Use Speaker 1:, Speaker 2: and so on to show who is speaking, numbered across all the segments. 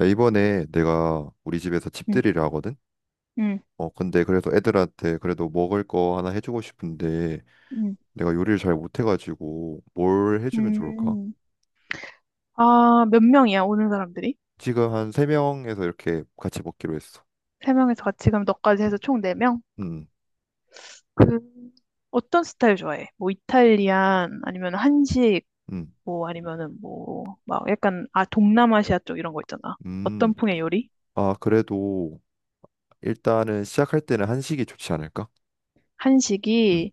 Speaker 1: 야, 이번에 내가 우리 집에서
Speaker 2: 응,
Speaker 1: 집들이를 하거든?
Speaker 2: 응,
Speaker 1: 어, 근데 그래서 애들한테 그래도 먹을 거 하나 해주고 싶은데
Speaker 2: 응,
Speaker 1: 내가 요리를 잘 못해가지고 뭘 해주면 좋을까?
Speaker 2: 응. 아, 몇 명이야, 오는 사람들이?
Speaker 1: 지금 한 세명에서 이렇게 같이 먹기로 했어.
Speaker 2: 3명에서 같이, 그럼 너까지
Speaker 1: 음,
Speaker 2: 해서 총 4명?
Speaker 1: 음,
Speaker 2: 그 어떤 스타일 좋아해? 뭐 이탈리안 아니면 한식,
Speaker 1: 음.
Speaker 2: 뭐 아니면은 뭐 막 약간 아 동남아시아 쪽 이런 거 있잖아. 어떤
Speaker 1: 음.
Speaker 2: 풍의 요리?
Speaker 1: 아, 그래도 일단은 시작할 때는 한식이 좋지 않을까? 음,
Speaker 2: 한식이.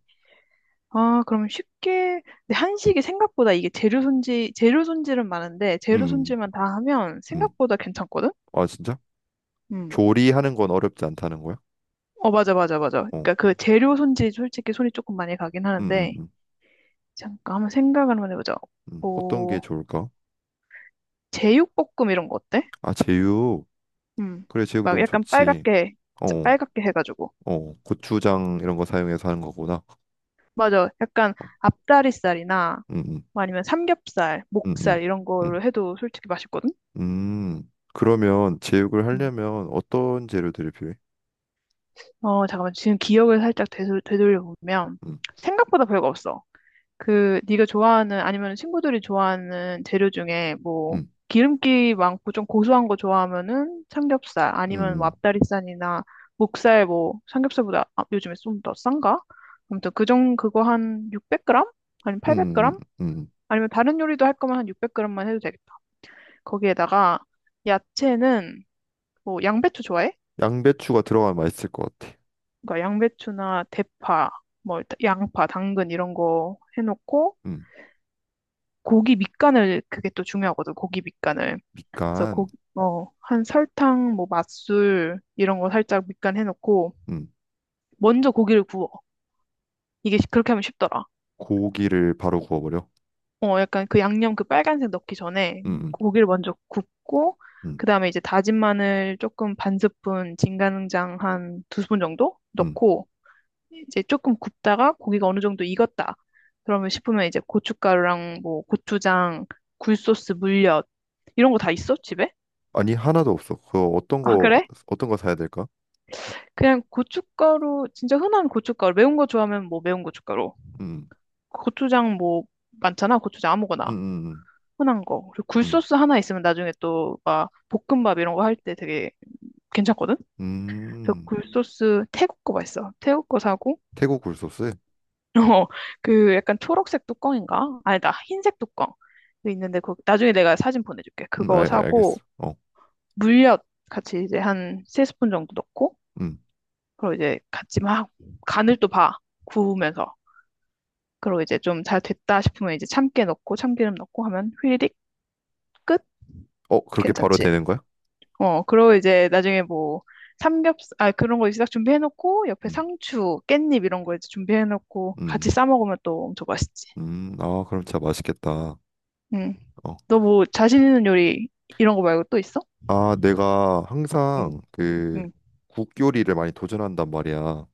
Speaker 2: 아, 그럼 쉽게. 근데 한식이 생각보다 이게 재료 손질은 많은데 재료
Speaker 1: 음,
Speaker 2: 손질만 다 하면
Speaker 1: 음.
Speaker 2: 생각보다 괜찮거든?
Speaker 1: 아, 진짜?
Speaker 2: 응.
Speaker 1: 조리하는 건 어렵지 않다는 거야?
Speaker 2: 어, 맞아, 맞아, 맞아.
Speaker 1: 어,
Speaker 2: 그러니까 그 재료 손질이 솔직히 손이 조금 많이 가긴
Speaker 1: 음, 음,
Speaker 2: 하는데.
Speaker 1: 음.
Speaker 2: 잠깐 한번 생각을 한번 해보자.
Speaker 1: 음. 어떤 게
Speaker 2: 뭐
Speaker 1: 좋을까?
Speaker 2: 제육볶음 이런 거 어때?
Speaker 1: 아, 제육.
Speaker 2: 음,
Speaker 1: 그래, 제육
Speaker 2: 막
Speaker 1: 너무
Speaker 2: 약간
Speaker 1: 좋지.
Speaker 2: 빨갛게,
Speaker 1: 어.
Speaker 2: 진짜
Speaker 1: 어.
Speaker 2: 빨갛게 해가지고.
Speaker 1: 어, 고추장 이런 거 사용해서 하는 거구나.
Speaker 2: 맞아. 약간 앞다리살이나,
Speaker 1: 음,
Speaker 2: 뭐 아니면 삼겹살,
Speaker 1: 음,
Speaker 2: 목살
Speaker 1: 음,
Speaker 2: 이런 걸로
Speaker 1: 음,
Speaker 2: 해도 솔직히 맛있거든?
Speaker 1: 음. 그러면 제육을
Speaker 2: 음.
Speaker 1: 하려면 어떤 재료들이 필요해?
Speaker 2: 어, 잠깐만. 지금 기억을 살짝 되돌려보면,
Speaker 1: 음,
Speaker 2: 생각보다 별거 없어. 그 네가 좋아하는, 아니면 친구들이 좋아하는 재료 중에 뭐
Speaker 1: 음,
Speaker 2: 기름기 많고 좀 고소한 거 좋아하면은 삼겹살, 아니면 뭐
Speaker 1: 음,
Speaker 2: 앞다리살이나 목살, 뭐 삼겹살보다 아, 요즘에 좀 더 싼가? 아무튼 그정 그거 한 600g? 아니면
Speaker 1: 음, 음,
Speaker 2: 800g?
Speaker 1: 음.
Speaker 2: 아니면 다른 요리도 할 거면 한 600g만 해도 되겠다. 거기에다가 야채는 뭐 양배추 좋아해?
Speaker 1: 양배추가 들어가면 맛있을 것 같아.
Speaker 2: 그러니까 양배추나 대파, 뭐 일단 양파, 당근 이런 거 해놓고
Speaker 1: 음,
Speaker 2: 고기 밑간을, 그게 또 중요하거든. 고기 밑간을. 그래서
Speaker 1: 밑간,
Speaker 2: 한 설탕, 뭐 맛술 이런 거 살짝 밑간 해놓고
Speaker 1: 음,
Speaker 2: 먼저 고기를 구워. 이게 그렇게 하면 쉽더라.
Speaker 1: 고기를 바로 구워버려.
Speaker 2: 어, 약간 그 양념, 그 빨간색 넣기 전에
Speaker 1: 음, 음,
Speaker 2: 고기를 먼저 굽고
Speaker 1: 음,
Speaker 2: 그다음에 이제 다진 마늘 조금 반 스푼, 진간장 한 두 스푼 정도
Speaker 1: 음.
Speaker 2: 넣고 이제 조금 굽다가 고기가 어느 정도 익었다, 그러면 싶으면 이제 고춧가루랑 뭐 고추장, 굴소스, 물엿 이런 거 다 있어? 집에?
Speaker 1: 아니 하나도 없어. 그거 어떤
Speaker 2: 아,
Speaker 1: 거
Speaker 2: 그래?
Speaker 1: 어떤 거 사야 될까?
Speaker 2: 그냥 고춧가루, 진짜 흔한 고춧가루. 매운 거 좋아하면 뭐 매운 고춧가루.
Speaker 1: 음,
Speaker 2: 고추장 뭐 많잖아. 고추장
Speaker 1: 음,
Speaker 2: 아무거나.
Speaker 1: 음,
Speaker 2: 흔한 거. 그리고
Speaker 1: 음,
Speaker 2: 굴소스 하나 있으면 나중에 또 막 볶음밥 이런 거 할 때 되게 괜찮거든? 그래서
Speaker 1: 음.
Speaker 2: 굴소스 태국 거 맛있어. 태국 거 사고,
Speaker 1: 태국 굴소스?
Speaker 2: 어, 그 약간 초록색 뚜껑인가? 아니다. 흰색 뚜껑. 그 있는데, 그 나중에 내가 사진 보내줄게. 그거 사고,
Speaker 1: 알겠어. 어,
Speaker 2: 물엿 같이 이제 한 세 스푼 정도 넣고,
Speaker 1: 음.
Speaker 2: 그리고 이제 같이 막 간을 또 봐. 구우면서. 그리고 이제 좀 잘 됐다 싶으면 이제 참깨 넣고 참기름 넣고 하면 휘리릭 끝?
Speaker 1: 어, 그렇게 바로
Speaker 2: 괜찮지?
Speaker 1: 되는 거야?
Speaker 2: 어, 그리고 이제 나중에 뭐 삼겹살, 아, 그런 거 이제 딱 준비해놓고 옆에
Speaker 1: 음,
Speaker 2: 상추, 깻잎 이런 거 이제 준비해놓고 같이
Speaker 1: 음,
Speaker 2: 싸 먹으면 또 엄청 맛있지.
Speaker 1: 아, 그럼 진짜 맛있겠다.
Speaker 2: 응.
Speaker 1: 어.
Speaker 2: 너 뭐 자신 있는 요리 이런 거 말고 또 있어?
Speaker 1: 아, 내가
Speaker 2: 응,
Speaker 1: 항상 그
Speaker 2: 응.
Speaker 1: 국 요리를 많이 도전한단 말이야.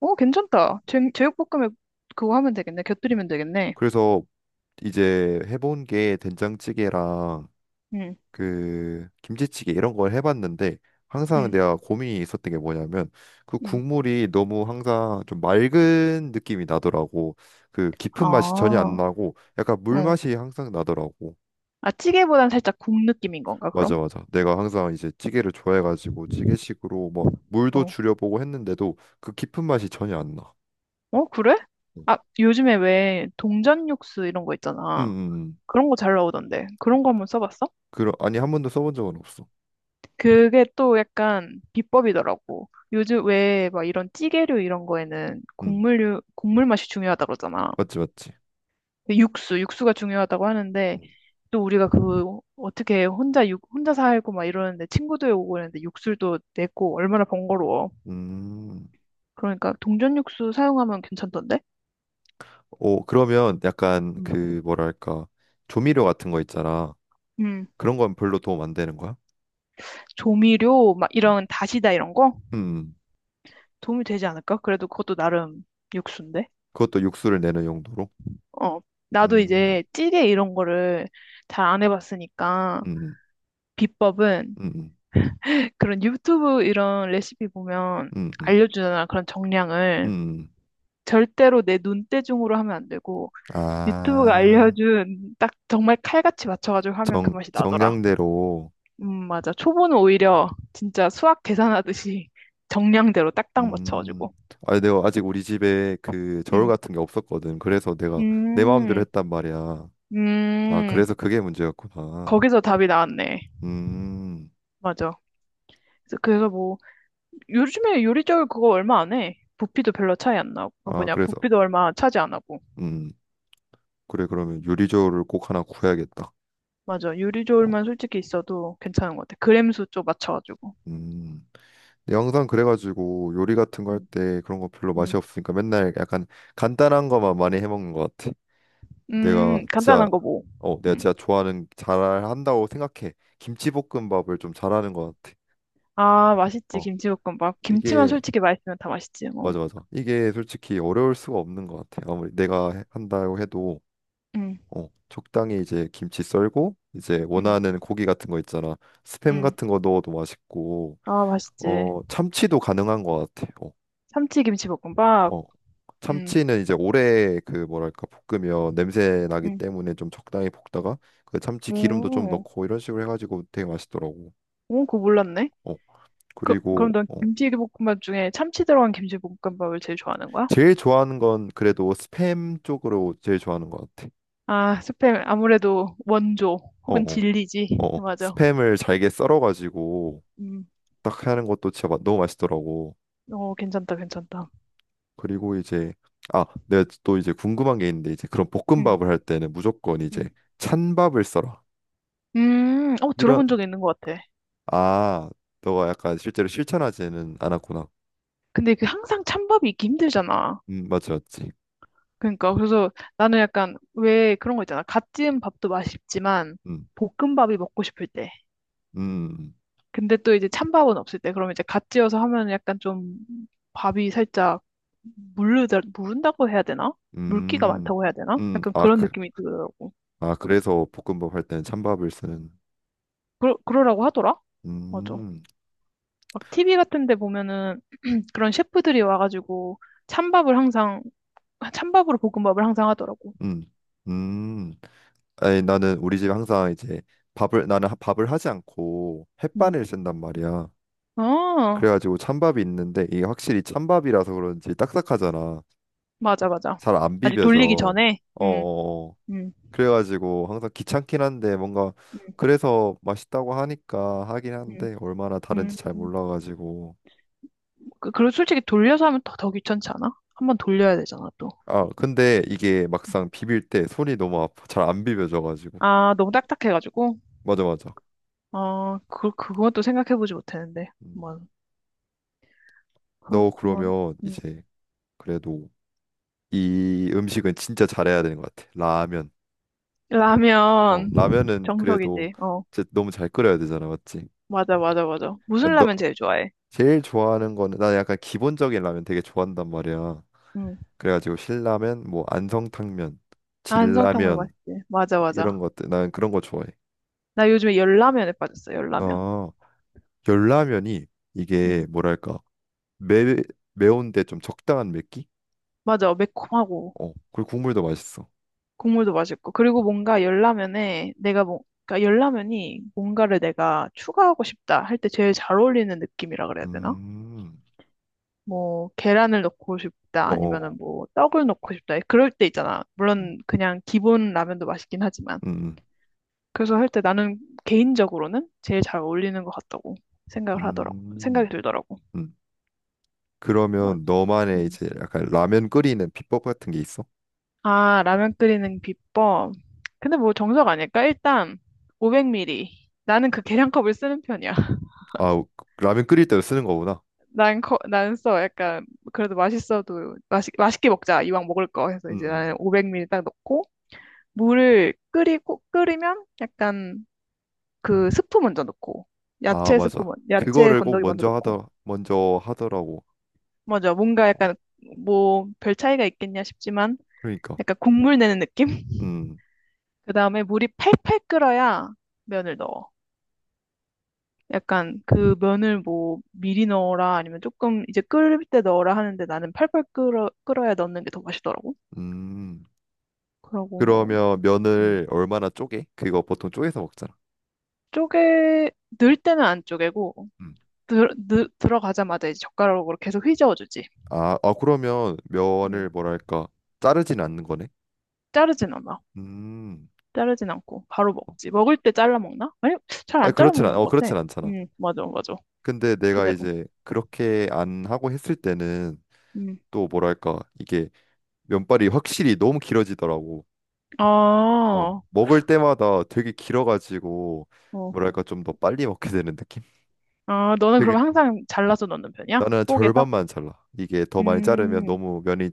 Speaker 2: 어, 괜찮다. 제육볶음에 그거 하면 되겠네. 곁들이면 되겠네.
Speaker 1: 그래서 이제 해본 게 된장찌개랑
Speaker 2: 응,
Speaker 1: 그 김치찌개 이런 걸 해봤는데 항상
Speaker 2: 응,
Speaker 1: 내가 고민이 있었던 게 뭐냐면 그
Speaker 2: 응.
Speaker 1: 국물이 너무 항상 좀 맑은 느낌이 나더라고. 그
Speaker 2: 아,
Speaker 1: 깊은 맛이 전혀 안
Speaker 2: 어.
Speaker 1: 나고 약간 물 맛이 항상 나더라고.
Speaker 2: 아, 찌개보단 살짝 국 느낌인 건가, 그럼?
Speaker 1: 맞아, 맞아. 내가 항상 이제 찌개를 좋아해가지고 찌개식으로 뭐 물도
Speaker 2: 어.
Speaker 1: 줄여보고 했는데도 그 깊은 맛이 전혀 안 나.
Speaker 2: 어, 그래?
Speaker 1: 음,
Speaker 2: 아, 요즘에 왜 동전 육수 이런 거
Speaker 1: 음,
Speaker 2: 있잖아.
Speaker 1: 음.
Speaker 2: 그런 거 잘 나오던데. 그런 거 한번 써봤어?
Speaker 1: 아니, 한 번도 써본 적은 없어.
Speaker 2: 그게 또 약간 비법이더라고. 요즘 왜 막 이런 찌개류 이런 거에는
Speaker 1: 음,
Speaker 2: 국물류, 국물 맛이 중요하다 그러잖아.
Speaker 1: 맞지, 맞지.
Speaker 2: 근데 육수가 중요하다고 하는데 또 우리가 그 어떻게 혼자 살고 막 이러는데 친구들 오고 그러는데 육수도 내고 얼마나 번거로워.
Speaker 1: 음,
Speaker 2: 그러니까 동전 육수 사용하면 괜찮던데?
Speaker 1: 오, 그러면 약간
Speaker 2: 음.
Speaker 1: 그 뭐랄까 조미료 같은 거 있잖아.
Speaker 2: 음.
Speaker 1: 그런 건 별로 도움 안 되는 거야?
Speaker 2: 조미료 막
Speaker 1: 음,
Speaker 2: 이런 다시다 이런 거?
Speaker 1: 음.
Speaker 2: 도움이 되지 않을까? 그래도 그것도 나름 육수인데.
Speaker 1: 그것도 육수를 내는 용도로.
Speaker 2: 어. 나도
Speaker 1: 음,
Speaker 2: 이제 찌개 이런 거를 잘 안 해봤으니까
Speaker 1: 음,
Speaker 2: 비법은
Speaker 1: 음,
Speaker 2: 그런 유튜브 이런 레시피 보면
Speaker 1: 음, 음,
Speaker 2: 알려주잖아, 그런 정량을.
Speaker 1: 음.
Speaker 2: 절대로 내 눈대중으로 하면 안 되고 유튜브가
Speaker 1: 아,
Speaker 2: 알려준 딱 정말 칼같이 맞춰가지고 하면 그
Speaker 1: 정
Speaker 2: 맛이 나더라.
Speaker 1: 정량대로.
Speaker 2: 맞아. 초보는 오히려 진짜 수학 계산하듯이 정량대로 딱딱
Speaker 1: 음.
Speaker 2: 맞춰가지고.
Speaker 1: 아니 내가 아직 우리 집에 그 저울
Speaker 2: 음,
Speaker 1: 같은 게 없었거든. 그래서 내가 내 마음대로
Speaker 2: 음,
Speaker 1: 했단 말이야. 아,
Speaker 2: 음.
Speaker 1: 그래서 그게 문제였구나.
Speaker 2: 거기서 답이 나왔네.
Speaker 1: 음.
Speaker 2: 맞아. 그래서 뭐 요즘에 요리조리 그거 얼마 안 해. 부피도 별로 차이 안 나고, 그
Speaker 1: 아,
Speaker 2: 뭐냐,
Speaker 1: 그래서
Speaker 2: 부피도 얼마 차지 안 하고.
Speaker 1: 음. 그래 그러면 요리 저울을 꼭 하나 구해야겠다.
Speaker 2: 맞아,
Speaker 1: 어.
Speaker 2: 요리조리만 솔직히 있어도 괜찮은 것 같아. 그램수 좀 맞춰가지고.
Speaker 1: 음. 근데 항상 그래가지고 요리 같은 거 할
Speaker 2: 음,
Speaker 1: 때 그런 거 별로 맛이
Speaker 2: 음,
Speaker 1: 없으니까 맨날 약간 간단한 거만 많이 해 먹는 것 같아. 내가 진짜
Speaker 2: 간단한 거 뭐.
Speaker 1: 어, 내가
Speaker 2: 음.
Speaker 1: 진짜 좋아하는 잘한다고 생각해. 김치볶음밥을 좀 잘하는 것 같아.
Speaker 2: 아, 맛있지,
Speaker 1: 어.
Speaker 2: 김치볶음밥. 김치만
Speaker 1: 이게
Speaker 2: 솔직히 맛있으면 다 맛있지 뭐.
Speaker 1: 맞아 맞아. 이게 솔직히 어려울 수가 없는 것 같아. 아무리 내가 한다고 해도
Speaker 2: 음,
Speaker 1: 어, 적당히 이제 김치 썰고 이제
Speaker 2: 음,
Speaker 1: 원하는 고기 같은 거 있잖아. 스팸
Speaker 2: 음.
Speaker 1: 같은 거 넣어도 맛있고
Speaker 2: 아 맛있지.
Speaker 1: 어 참치도 가능한 것 같아. 어,
Speaker 2: 참치 김치볶음밥.
Speaker 1: 어.
Speaker 2: 음,
Speaker 1: 참치는 이제 오래 그 뭐랄까 볶으면 냄새 나기
Speaker 2: 음.
Speaker 1: 때문에 좀 적당히 볶다가 그 참치 기름도 좀
Speaker 2: 오,
Speaker 1: 넣고 이런 식으로 해가지고 되게 맛있더라고.
Speaker 2: 오 그거 몰랐네.
Speaker 1: 어
Speaker 2: 그,
Speaker 1: 그리고
Speaker 2: 그럼 넌
Speaker 1: 어
Speaker 2: 김치볶음밥 중에 참치 들어간 김치볶음밥을 제일 좋아하는 거야?
Speaker 1: 제일 좋아하는 건 그래도 스팸 쪽으로 제일 좋아하는 것 같아.
Speaker 2: 아, 스팸 아무래도 원조
Speaker 1: 어,
Speaker 2: 혹은
Speaker 1: 어.
Speaker 2: 진리지.
Speaker 1: 어,
Speaker 2: 맞아.
Speaker 1: 스팸을 잘게 썰어가지고
Speaker 2: 음.
Speaker 1: 딱 하는 것도 진짜 너무 맛있더라고.
Speaker 2: 어, 괜찮다, 괜찮다.
Speaker 1: 그리고 이제 아, 내가 또 이제 궁금한 게 있는데 이제 그런
Speaker 2: 음,
Speaker 1: 볶음밥을 할 때는 무조건 이제
Speaker 2: 음.
Speaker 1: 찬밥을 썰어.
Speaker 2: 어,
Speaker 1: 이런
Speaker 2: 들어본 적 있는 것 같아.
Speaker 1: 아, 너가 약간 실제로 실천하지는 않았구나.
Speaker 2: 근데 그 항상 찬밥이 있기 힘들잖아.
Speaker 1: 맞지, 맞지.
Speaker 2: 그러니까 그래서 나는 약간 왜 그런 거 있잖아, 갓 지은 밥도 맛있지만
Speaker 1: 음,
Speaker 2: 볶음밥이 먹고 싶을 때.
Speaker 1: 음,
Speaker 2: 근데 또 이제 찬밥은 없을 때. 그러면 이제 갓 지어서 하면 약간 좀 밥이 살짝 물르다 무른다고 해야 되나? 물기가
Speaker 1: 음,
Speaker 2: 많다고 해야 되나? 약간
Speaker 1: 아,
Speaker 2: 그런 느낌이 들더라고.
Speaker 1: 그래서 볶음밥 할 때는 찬밥을 쓰는.
Speaker 2: 그러라고 하더라. 맞아.
Speaker 1: 음,
Speaker 2: 막 TV 같은 데 보면은 그런 셰프들이 와가지고 찬밥을 항상, 찬밥으로 볶음밥을 항상 하더라고.
Speaker 1: 음, 음. 아니 나는 우리 집에 항상 이제 밥을 나는 밥을 하지 않고
Speaker 2: 음.
Speaker 1: 햇반을 쓴단 말이야.
Speaker 2: 어,
Speaker 1: 그래가지고 찬밥이 있는데 이게 확실히 찬밥이라서 그런지 딱딱하잖아.
Speaker 2: 맞아, 맞아.
Speaker 1: 잘 안
Speaker 2: 아직
Speaker 1: 비벼져.
Speaker 2: 돌리기 전에?
Speaker 1: 어. 어. 어.
Speaker 2: 음,
Speaker 1: 그래가지고 항상 귀찮긴 한데 뭔가
Speaker 2: 음,
Speaker 1: 그래서 맛있다고 하니까 하긴
Speaker 2: 음.
Speaker 1: 한데 얼마나 다른지
Speaker 2: 음.
Speaker 1: 잘 몰라가지고.
Speaker 2: 그리고 솔직히 돌려서 하면 더 귀찮지 않아? 한번 돌려야 되잖아, 또.
Speaker 1: 아 근데 이게 막상 비빌 때 손이 너무 아파. 잘 안 비벼져가지고.
Speaker 2: 아, 너무 딱딱해가지고.
Speaker 1: 맞아 맞아.
Speaker 2: 아, 그것도 생각해보지 못했는데.
Speaker 1: 음.
Speaker 2: 뭐,
Speaker 1: 너
Speaker 2: 그렇구먼.
Speaker 1: 그러면
Speaker 2: 음.
Speaker 1: 이제 그래도 이 음식은 진짜 잘해야 되는 것 같아. 라면. 어,
Speaker 2: 라면,
Speaker 1: 라면은 그래도
Speaker 2: 정석이지. 어,
Speaker 1: 진짜 너무 잘 끓여야 되잖아, 맞지?
Speaker 2: 맞아, 맞아, 맞아.
Speaker 1: 아,
Speaker 2: 무슨
Speaker 1: 너
Speaker 2: 라면 제일 좋아해?
Speaker 1: 제일 좋아하는 거는 나 약간 기본적인 라면 되게 좋아한단 말이야.
Speaker 2: 음.
Speaker 1: 그래가지고 신라면, 뭐 안성탕면,
Speaker 2: 안성탕면
Speaker 1: 진라면
Speaker 2: 맛있지. 맞아,
Speaker 1: 이런
Speaker 2: 맞아.
Speaker 1: 것들 난 그런 거 좋아해.
Speaker 2: 나 요즘에 열라면에 빠졌어, 열라면.
Speaker 1: 어, 열라면이 이게
Speaker 2: 응.
Speaker 1: 뭐랄까 매 매운데 좀 적당한 맵기?
Speaker 2: 맞아, 매콤하고,
Speaker 1: 어, 그리고 국물도 맛있어.
Speaker 2: 국물도 맛있고. 그리고 뭔가 열라면에 내가 뭐, 그러니까 열라면이 뭔가를 내가 추가하고 싶다 할 때 제일 잘 어울리는 느낌이라 그래야 되나?
Speaker 1: 음,
Speaker 2: 뭐, 계란을 넣고 싶다, 아니면은
Speaker 1: 어,
Speaker 2: 뭐, 떡을 넣고 싶다. 그럴 때 있잖아.
Speaker 1: 음,
Speaker 2: 물론 그냥 기본 라면도 맛있긴 하지만.
Speaker 1: 음,
Speaker 2: 그래서 할 때 나는 개인적으로는 제일 잘 어울리는 것 같다고 생각을 하더라고. 생각이
Speaker 1: 음.
Speaker 2: 들더라고.
Speaker 1: 음.
Speaker 2: 맞아.
Speaker 1: 그러면 너만의
Speaker 2: 음.
Speaker 1: 이제 약간 라면 끓이는 비법 같은 게 있어?
Speaker 2: 아, 라면 끓이는 비법. 근데 뭐 정석 아닐까? 일단 500ml. 나는 그 계량컵을 쓰는 편이야.
Speaker 1: 아, 라면 끓일 때 쓰는 거구나.
Speaker 2: 난 써. 약간 그래도 맛있어도 맛있게 먹자. 이왕 먹을 거 해서 이제
Speaker 1: 음.
Speaker 2: 나는 500ml 딱 넣고 물을 끓이고, 끓이면 약간 그 스프 먼저 넣고
Speaker 1: 아,
Speaker 2: 야채
Speaker 1: 맞아.
Speaker 2: 스프 먼 야채
Speaker 1: 그거를 꼭
Speaker 2: 건더기 먼저
Speaker 1: 먼저
Speaker 2: 넣고
Speaker 1: 하더 먼저 하더라고.
Speaker 2: 먼저 뭔가
Speaker 1: 어,
Speaker 2: 약간, 뭐 별 차이가 있겠냐 싶지만
Speaker 1: 그러니까.
Speaker 2: 약간 국물 내는 느낌?
Speaker 1: 음.
Speaker 2: 그 다음에 물이 팔팔 끓어야 면을 넣어. 약간 그 면을 뭐 미리 넣어라 아니면 조금 이제 끓일 때 넣어라 하는데 나는 팔팔 끓어야 넣는 게 더 맛있더라고.
Speaker 1: 음.
Speaker 2: 그러고 뭐,
Speaker 1: 그러면
Speaker 2: 음.
Speaker 1: 면을 얼마나 쪼개? 그거 보통 쪼개서 먹잖아.
Speaker 2: 쪼개, 넣을 때는 안 쪼개고,
Speaker 1: 음.
Speaker 2: 들어가자마자 이제 젓가락으로 계속 휘저어주지.
Speaker 1: 아, 아 그러면 면을
Speaker 2: 음.
Speaker 1: 뭐랄까? 자르진 않는 거네.
Speaker 2: 자르진 않아.
Speaker 1: 음.
Speaker 2: 자르진 않고, 바로 먹지. 먹을 때 잘라 먹나? 아니, 잘
Speaker 1: 아,
Speaker 2: 안 잘라 먹는 것 같아.
Speaker 1: 그렇진 않잖아.
Speaker 2: 맞아, 맞아.
Speaker 1: 근데 내가
Speaker 2: 그대로.
Speaker 1: 이제 그렇게 안 하고 했을 때는
Speaker 2: 음.
Speaker 1: 또 뭐랄까? 이게 면발이 확실히 너무 길어지더라고.
Speaker 2: 아,
Speaker 1: 어, 먹을 때마다 되게 길어가지고
Speaker 2: 어.
Speaker 1: 뭐랄까 좀 더 빨리 먹게 되는 느낌?
Speaker 2: 아, 너는
Speaker 1: 되게
Speaker 2: 그럼 항상 잘라서 넣는 편이야?
Speaker 1: 나는
Speaker 2: 뽀개서?
Speaker 1: 절반만 잘라. 이게 더 많이
Speaker 2: 음,
Speaker 1: 자르면
Speaker 2: 음,
Speaker 1: 너무 면이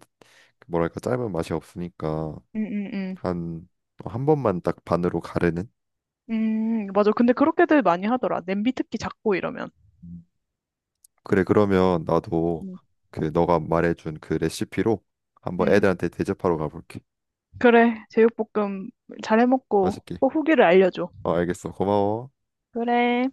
Speaker 1: 그 뭐랄까 짧은 맛이 없으니까
Speaker 2: 음, 음.
Speaker 1: 한 한 번만 딱 반으로 가르는.
Speaker 2: 맞아. 근데 그렇게들 많이 하더라. 냄비 특히 작고 이러면.
Speaker 1: 음. 그래 그러면 나도
Speaker 2: 음,
Speaker 1: 그 너가 말해준 그 레시피로 한번
Speaker 2: 음.
Speaker 1: 애들한테 대접하러 가볼게.
Speaker 2: 그래. 제육볶음 잘 해먹고
Speaker 1: 맛있게.
Speaker 2: 꼭 후기를 알려줘.
Speaker 1: 어, 알겠어. 고마워.
Speaker 2: 그래.